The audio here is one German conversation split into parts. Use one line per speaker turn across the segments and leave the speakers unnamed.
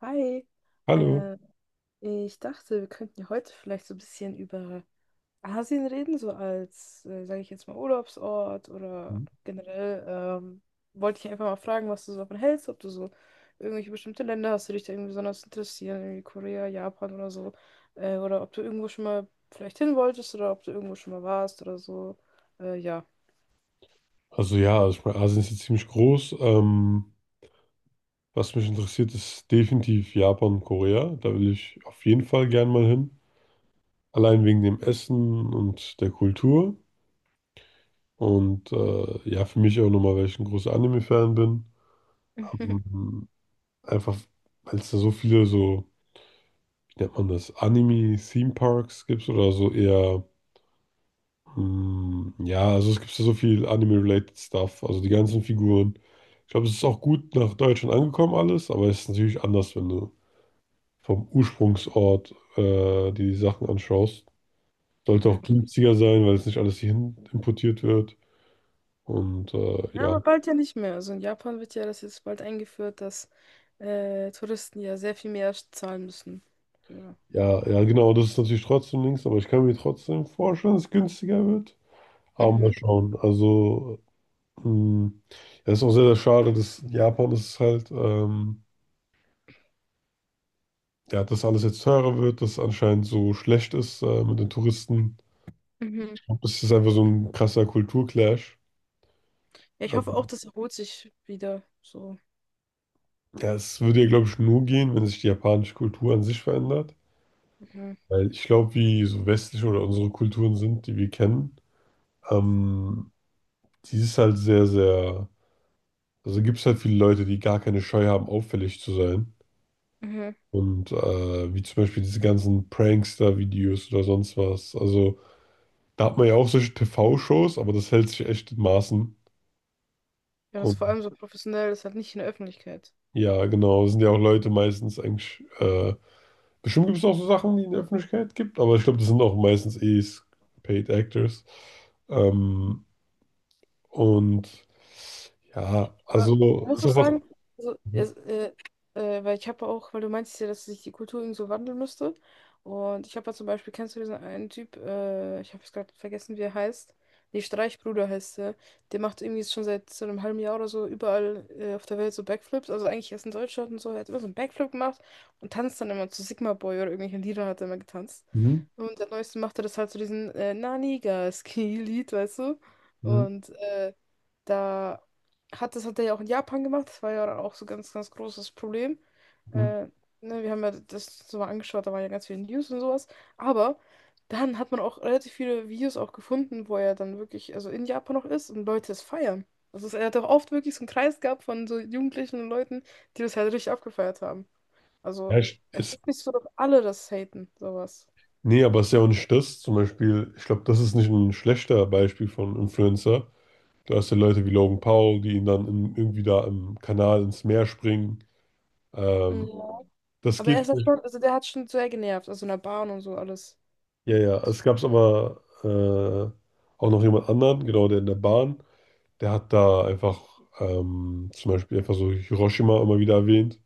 Hi,
Hallo.
äh, ich dachte, wir könnten ja heute vielleicht so ein bisschen über Asien reden, so als, sage ich jetzt mal, Urlaubsort oder generell. Wollte ich einfach mal fragen, was du so davon hältst, ob du so irgendwelche bestimmte Länder hast, die dich da irgendwie besonders interessieren, irgendwie Korea, Japan oder so, oder ob du irgendwo schon mal vielleicht hin wolltest oder ob du irgendwo schon mal warst oder so. Ja.
Also ja, also ich meine, Asien ist jetzt ziemlich groß. Was mich interessiert, ist definitiv Japan und Korea. Da will ich auf jeden Fall gern mal hin. Allein wegen dem Essen und der Kultur. Und ja, für mich auch nochmal, weil ich ein großer Anime-Fan bin. Ähm, Einfach, weil es da so viele so, wie nennt man das, Anime-Theme-Parks gibt oder so eher. Hm. Ja, also es gibt ja so viel Anime-related Stuff, also die ganzen Figuren. Ich glaube, es ist auch gut nach Deutschland angekommen alles, aber es ist natürlich anders, wenn du vom Ursprungsort die Sachen anschaust. Sollte
Ja,
auch
klar.
günstiger sein, weil es nicht alles hierhin importiert wird. Und
Ja,
ja,
aber bald ja nicht mehr. Also in Japan wird ja das jetzt bald eingeführt, dass Touristen ja sehr viel mehr zahlen müssen. Ja.
ja, ja, genau, das ist natürlich trotzdem links, aber ich kann mir trotzdem vorstellen, dass es günstiger wird. Aber mal
Mhm.
schauen. Hm, ja, ist auch sehr, sehr schade, dass Japan ist halt. Ja, dass alles jetzt teurer wird, dass es anscheinend so schlecht ist mit den Touristen.
Mhm.
Ich glaub, das ist einfach so ein krasser Kulturclash.
Ja, ich hoffe auch,
Ähm,
das erholt sich wieder. So.
ja, es würde ja, glaube ich, nur gehen, wenn sich die japanische Kultur an sich verändert.
Mhm.
Weil ich glaube, wie so westliche oder unsere Kulturen sind, die wir kennen, ähm, die ist halt sehr, sehr. Also gibt es halt viele Leute, die gar keine Scheu haben, auffällig zu sein.
Mhm.
Und wie zum Beispiel diese ganzen Prankster-Videos oder sonst was. Also da hat man ja auch solche TV-Shows, aber das hält sich echt in Maßen.
Ja, das ist vor allem so professionell, das ist halt nicht in der Öffentlichkeit.
Ja, genau. Das sind ja auch Leute meistens eigentlich. Bestimmt gibt es auch so Sachen, die in der Öffentlichkeit gibt, aber ich glaube, das sind auch meistens eh Paid Actors. Ähm, und ja,
Aber du
also
musst
ist
auch
auch was.
sagen, also, weil ich habe auch, weil du meintest ja, dass sich die Kultur irgendwie so wandeln müsste. Und ich habe ja zum Beispiel, kennst du diesen einen Typ, ich habe es gerade vergessen, wie er heißt. Nee, Streichbruder heißt er. Der macht irgendwie schon seit so einem halben Jahr oder so überall auf der Welt so Backflips. Also eigentlich erst in Deutschland und so. Er hat immer so einen Backflip gemacht und tanzt dann immer zu Sigma Boy oder irgendwelchen Liedern hat er immer getanzt.
Mhm,
Und der Neueste macht er das halt zu so diesen Naniga-Ski-Lied, weißt du?
mhm,
Und da hat das hat er ja auch in Japan gemacht. Das war ja dann auch so ganz, ganz großes Problem.
mhm.
Äh, ne, wir haben ja das so mal angeschaut, da waren ja ganz viele News und sowas. Aber dann hat man auch relativ viele Videos auch gefunden, wo er dann wirklich, also in Japan noch ist und Leute es feiern. Also er hat auch oft wirklich so einen Kreis gehabt von so Jugendlichen und Leuten, die das halt richtig abgefeiert haben. Also es
Ist,
ist nicht so, dass alle das haten, sowas.
nee, aber es ist ja auch nicht das. Zum Beispiel, ich glaube, das ist nicht ein schlechter Beispiel von Influencer. Du hast ja Leute wie Logan Paul, die ihn dann in, irgendwie da im Kanal ins Meer springen. Ähm,
Ja.
Das
Aber er
geht.
ist halt schon, also der hat schon sehr genervt, also in der Bahn und so alles.
Ja, ja, es gab aber auch noch jemand anderen, genau, der in der Bahn, der hat da einfach zum Beispiel einfach so Hiroshima immer wieder erwähnt,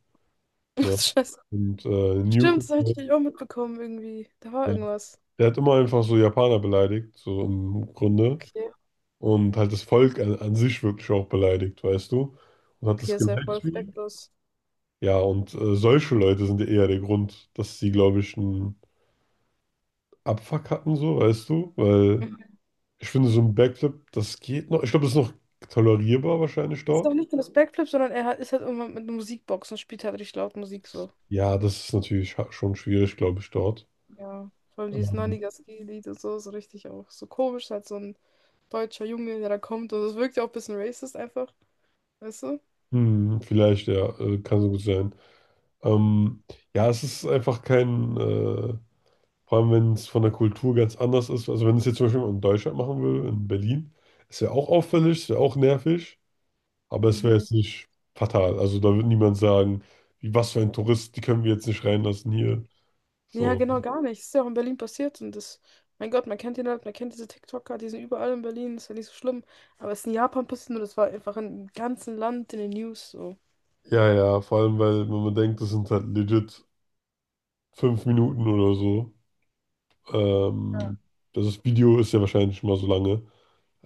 ne?
Das ist
Und Nuke
Stimmt,
und
das habe
so.
ich auch mitbekommen irgendwie. Da war
Ja.
irgendwas.
Der hat immer einfach so Japaner beleidigt, so im Grunde.
Okay.
Und halt das Volk an, an sich wirklich auch beleidigt, weißt du? Und hat
Okay,
das
ist ja voll
gelivestreamt.
respektlos.
Ja, und solche Leute sind ja eher der Grund, dass sie, glaube ich, einen Abfuck hatten, so, weißt du? Weil. Ich finde so ein Backflip, das geht noch. Ich glaube, das ist noch tolerierbar wahrscheinlich
Ist doch
dort.
nicht nur das Backflip, sondern er hat, ist halt irgendwann mit einer Musikbox und spielt halt richtig laut Musik so.
Ja, das ist natürlich schon schwierig, glaube ich, dort.
Ja. Vor allem dieses
Ähm,
90 ski lied und so, so richtig auch so komisch, halt so ein deutscher Junge, der da kommt. Und das wirkt ja auch ein bisschen racist einfach, weißt du?
vielleicht, ja, kann so gut sein. Ähm, ja, es ist einfach kein, vor allem wenn es von der Kultur ganz anders ist. Also wenn es jetzt zum Beispiel in Deutschland machen will, in Berlin, es wäre auch auffällig, es wäre auch nervig, aber es wäre
Mhm.
jetzt nicht fatal. Also da wird niemand sagen, wie was für ein Tourist, die können wir jetzt nicht reinlassen hier.
Ja,
So.
genau, gar nicht. Das ist ja auch in Berlin passiert und das, mein Gott, man kennt ihn halt, man kennt diese TikToker, die sind überall in Berlin, ist ja nicht so schlimm. Aber es ist in Japan passiert und das war einfach im ganzen Land in den News so.
Ja, ja, vor allem, weil, wenn man denkt, das sind halt legit fünf Minuten oder so. Ähm, also das Video ist ja wahrscheinlich schon mal so lange.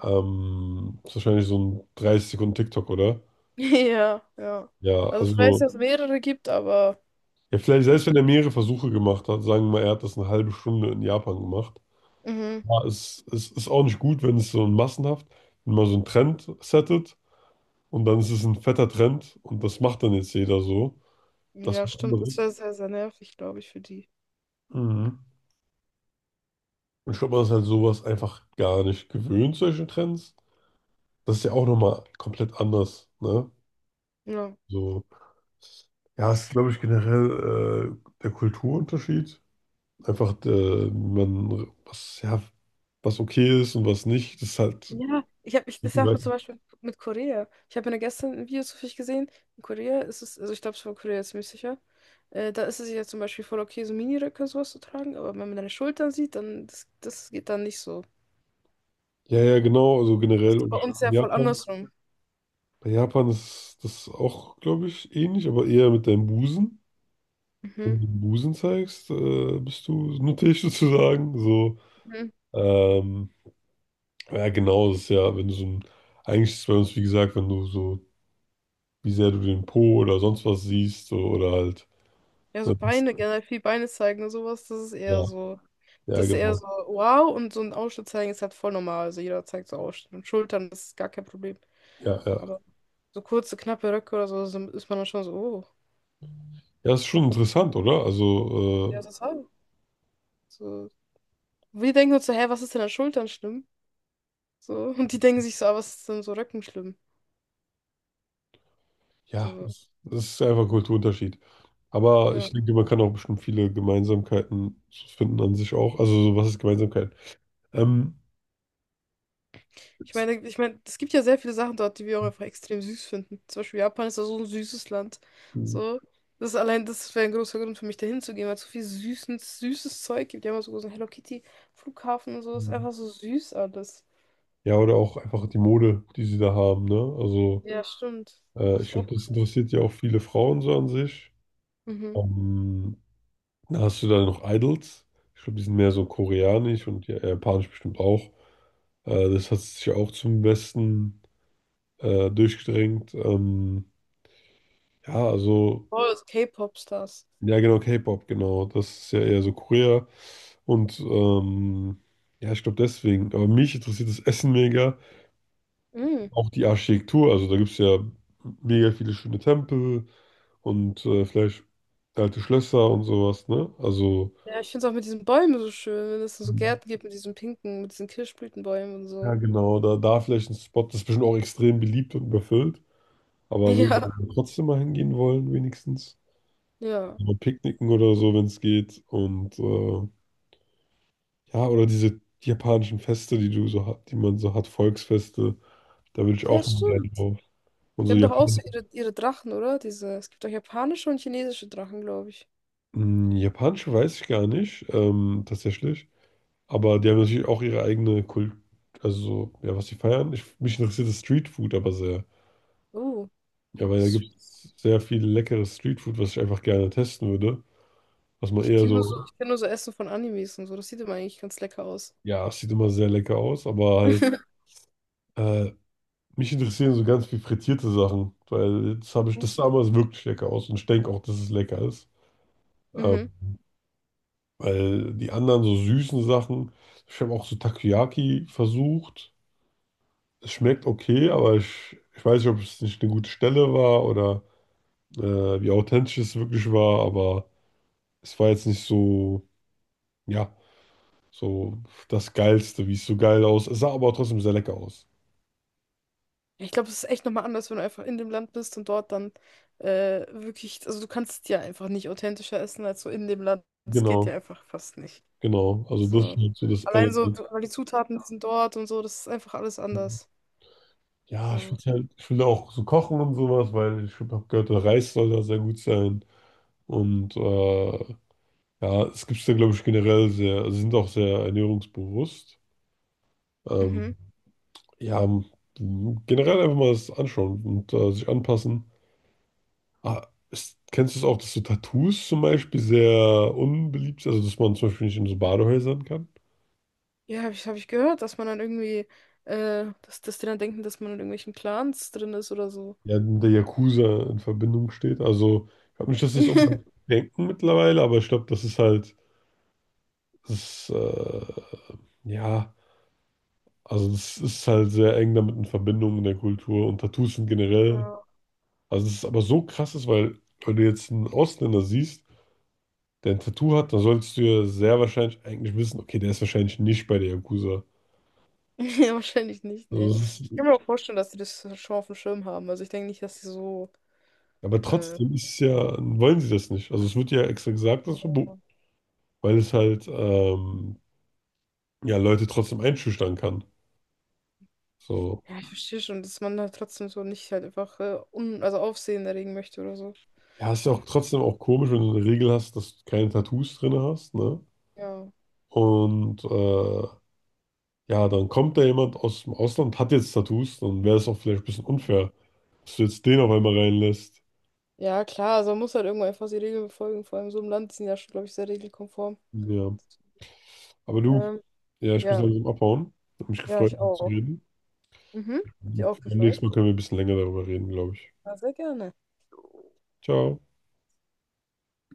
Ist wahrscheinlich so ein 30 Sekunden TikTok, oder?
Ja, ja.
Ja,
Also ich weiß,
also,
dass es mehrere gibt, aber
ja, vielleicht,
ja.
selbst wenn er mehrere Versuche gemacht hat, sagen wir mal, er hat das eine halbe Stunde in Japan gemacht.
Mhm.
Ja, es ist auch nicht gut, wenn es so ein massenhaft, wenn man so einen Trend settet und dann ist es ein fetter Trend und das macht dann jetzt jeder so. Das ist
Ja,
was
stimmt. Das
anderes.
wäre sehr, sehr nervig, glaube ich, für die.
Mhm. Und ich glaube, man ist halt sowas einfach gar nicht gewöhnt, solche Trends. Das ist ja auch nochmal komplett anders, ne?
Ja.
So, ja, es ist, glaube ich, generell der Kulturunterschied. Einfach, der, wie man, was, ja, was okay ist und was nicht, das ist halt.
Ja, das sagt mir zum Beispiel mit Korea. Ich habe mir gestern ein Video zufällig gesehen. In Korea ist es, also ich glaube, es war Korea ziemlich sicher. Da ist es ja zum Beispiel voll okay, so Miniröcke und sowas zu tragen, aber wenn man deine Schultern sieht, dann das geht dann nicht so. Das ist bei uns
In
ja voll
Japan.
andersrum.
Bei Japan ist das auch, glaube ich, ähnlich, aber eher mit deinem Busen.
Mhm.
Wenn du den Busen zeigst, bist du nuttig sozusagen. So,
Mhm.
ähm, ja, genau, das ist ja, wenn du so ein, eigentlich ist es bei uns, wie gesagt, wenn du so, wie sehr du den Po oder sonst was siehst, so, oder halt,
Ja, so
ne, das,
Beine, generell viel Beine zeigen und sowas, das ist
ja,
eher so.
ja,
Das ist eher
genau,
so, wow, und so ein Ausschnitt zeigen ist halt voll normal. Also jeder zeigt so Ausschnitt. Und Schultern, das ist gar kein Problem.
ja, ja.
Aber so kurze, knappe Röcke oder so, so ist man dann schon so, oh,
Ja, ist schon interessant, oder?
ja,
Also,
das halt. So. Wir denken uns so, hä, was ist denn an Schultern schlimm? So, und die denken sich so, ah, was ist denn so Röcken schlimm?
ja,
So,
das, das ist einfach ein Kulturunterschied. Aber
ja.
ich denke, man kann auch bestimmt viele Gemeinsamkeiten so finden an sich auch. Also, so, was ist Gemeinsamkeit? Ähm, Jetzt,
Ich meine, es gibt ja sehr viele Sachen dort, die wir auch einfach extrem süß finden. Zum Beispiel Japan ist ja so ein süßes Land. So, das ist allein, das wäre ein großer Grund für mich, dahin zu gehen, weil es so viel süßes, süßes Zeug gibt. Die haben auch so einen Hello Kitty Flughafen und so. Das ist einfach so süß alles.
ja, oder auch einfach die Mode, die sie da haben, ne? Also,
Ja, stimmt.
ich
Ist
glaube,
auch
das
cool.
interessiert ja auch viele Frauen so an sich.
Mhm.
Ähm, Na, hast du da noch Idols? Ich glaube, die sind mehr so koreanisch und japanisch bestimmt auch. Das hat sich ja auch zum Westen durchgedrängt. Ja, also,
Oh, das K-Pop-Stars.
ja, genau, K-Pop, genau. Das ist ja eher so Korea. Und ja, ich glaube deswegen. Aber mich interessiert das Essen mega.
Mhm.
Auch die Architektur. Also, da gibt es ja mega viele schöne Tempel und vielleicht alte Schlösser und sowas, ne? Also.
Ja, ich finde es auch mit diesen Bäumen so schön, wenn es so Gärten gibt mit diesen pinken, mit diesen Kirschblütenbäumen und
Ja,
so.
genau, da, da vielleicht ein Spot, das ist bestimmt auch extrem beliebt und überfüllt, aber will
Ja,
man trotzdem mal hingehen wollen, wenigstens.
ja.
Mal picknicken oder so, wenn es geht. Und ja, oder diese japanischen Feste, die du so hat, die man so hat, Volksfeste, da will ich
Ja,
auch mal gerne
stimmt.
drauf. Und
Die
so
haben doch auch so
Japan.
ihre, ihre Drachen, oder? Diese, es gibt doch japanische und chinesische Drachen, glaube ich.
Hm, japanische weiß ich gar nicht, tatsächlich. Aber die haben natürlich auch ihre eigene Kult, also so, ja, was sie feiern. Ich, mich interessiert das Streetfood aber sehr.
Oh,
Ja, weil da
s-
gibt es sehr viel leckeres Streetfood, was ich einfach gerne testen würde. Dass man eher so,
ich kenn nur so Essen von Animes und so. Das sieht immer eigentlich ganz lecker aus.
ja, es sieht immer sehr lecker aus, aber halt, äh, mich interessieren so ganz viel frittierte Sachen, weil das habe ich, das sah damals wirklich lecker aus und ich denke auch, dass es lecker ist.
Mhm.
Ähm, Weil die anderen so süßen Sachen, ich habe auch so Takoyaki versucht. Es schmeckt okay, aber ich weiß nicht, ob es nicht eine gute Stelle war oder wie authentisch es wirklich war, aber es war jetzt nicht so, ja, so das Geilste, wie es so geil aus. Es sah aber trotzdem sehr lecker aus.
Ja, ich glaube, es ist echt nochmal anders, wenn du einfach in dem Land bist und dort dann wirklich, also du kannst ja einfach nicht authentischer essen als so in dem Land. Das geht ja
Genau.
einfach fast nicht.
Genau, also das ist
So.
halt so das
Allein so,
eine.
weil die Zutaten sind dort und so, das ist einfach alles anders.
Ja, ich will
So.
halt, ich will auch so kochen und sowas, weil ich habe gehört, der Reis soll da sehr gut sein. Und ja, es gibt es da, glaube ich, generell sehr, also sie sind auch sehr ernährungsbewusst.
Mhm.
Ähm, ja, generell einfach mal das anschauen und sich anpassen. Ah, ist, kennst du es auch, dass so Tattoos zum Beispiel sehr unbeliebt sind, also dass man zum Beispiel nicht in so Badehäusern kann?
Ja, habe ich, hab ich gehört, dass man dann irgendwie, dass die dann denken, dass man in irgendwelchen Clans drin ist oder so.
Ja, mit der Yakuza in Verbindung steht. Also, ich glaube nicht, dass sie es unbedingt denken mittlerweile, aber ich glaube, das ist halt, das ist, ja, also das ist halt sehr eng damit in Verbindung in der Kultur und Tattoos sind generell.
Ja.
Also, es ist aber so krass ist, weil wenn du jetzt einen Ausländer siehst, der ein Tattoo hat, dann solltest du ja sehr wahrscheinlich eigentlich wissen, okay, der ist wahrscheinlich nicht bei der Yakuza.
Ja, wahrscheinlich nicht, nee.
Also das
Ich kann
ist,
mir auch vorstellen, dass die das schon auf dem Schirm haben. Also ich denke nicht, dass sie so,
aber
äh,
trotzdem ist es ja, wollen sie das nicht. Also es wird ja extra gesagt, dass es verboten,
ja,
weil es halt ja, Leute trotzdem einschüchtern kann. So.
ich verstehe schon, dass man da trotzdem so nicht halt einfach un also Aufsehen erregen möchte oder so.
Ja, ist ja auch trotzdem auch komisch, wenn du eine Regel hast, dass du keine Tattoos drin hast, ne?
Ja.
Und ja, dann kommt da jemand aus dem Ausland, hat jetzt Tattoos, dann wäre es auch vielleicht ein bisschen unfair, dass du jetzt den auf einmal reinlässt.
Ja, klar, also man muss halt irgendwo einfach die Regeln befolgen. Vor allem so im Land sind ja schon, glaube ich, sehr regelkonform.
Ja, aber du,
Ähm,
ja, ich muss
ja,
langsam abhauen. Hat mich
ja,
gefreut,
ich
mit dir zu
auch.
reden.
Mhm. Hat dich
Und
auch
beim
gefreut.
nächsten Mal können wir ein bisschen länger darüber reden, glaube ich.
Ja, sehr gerne.
Ciao.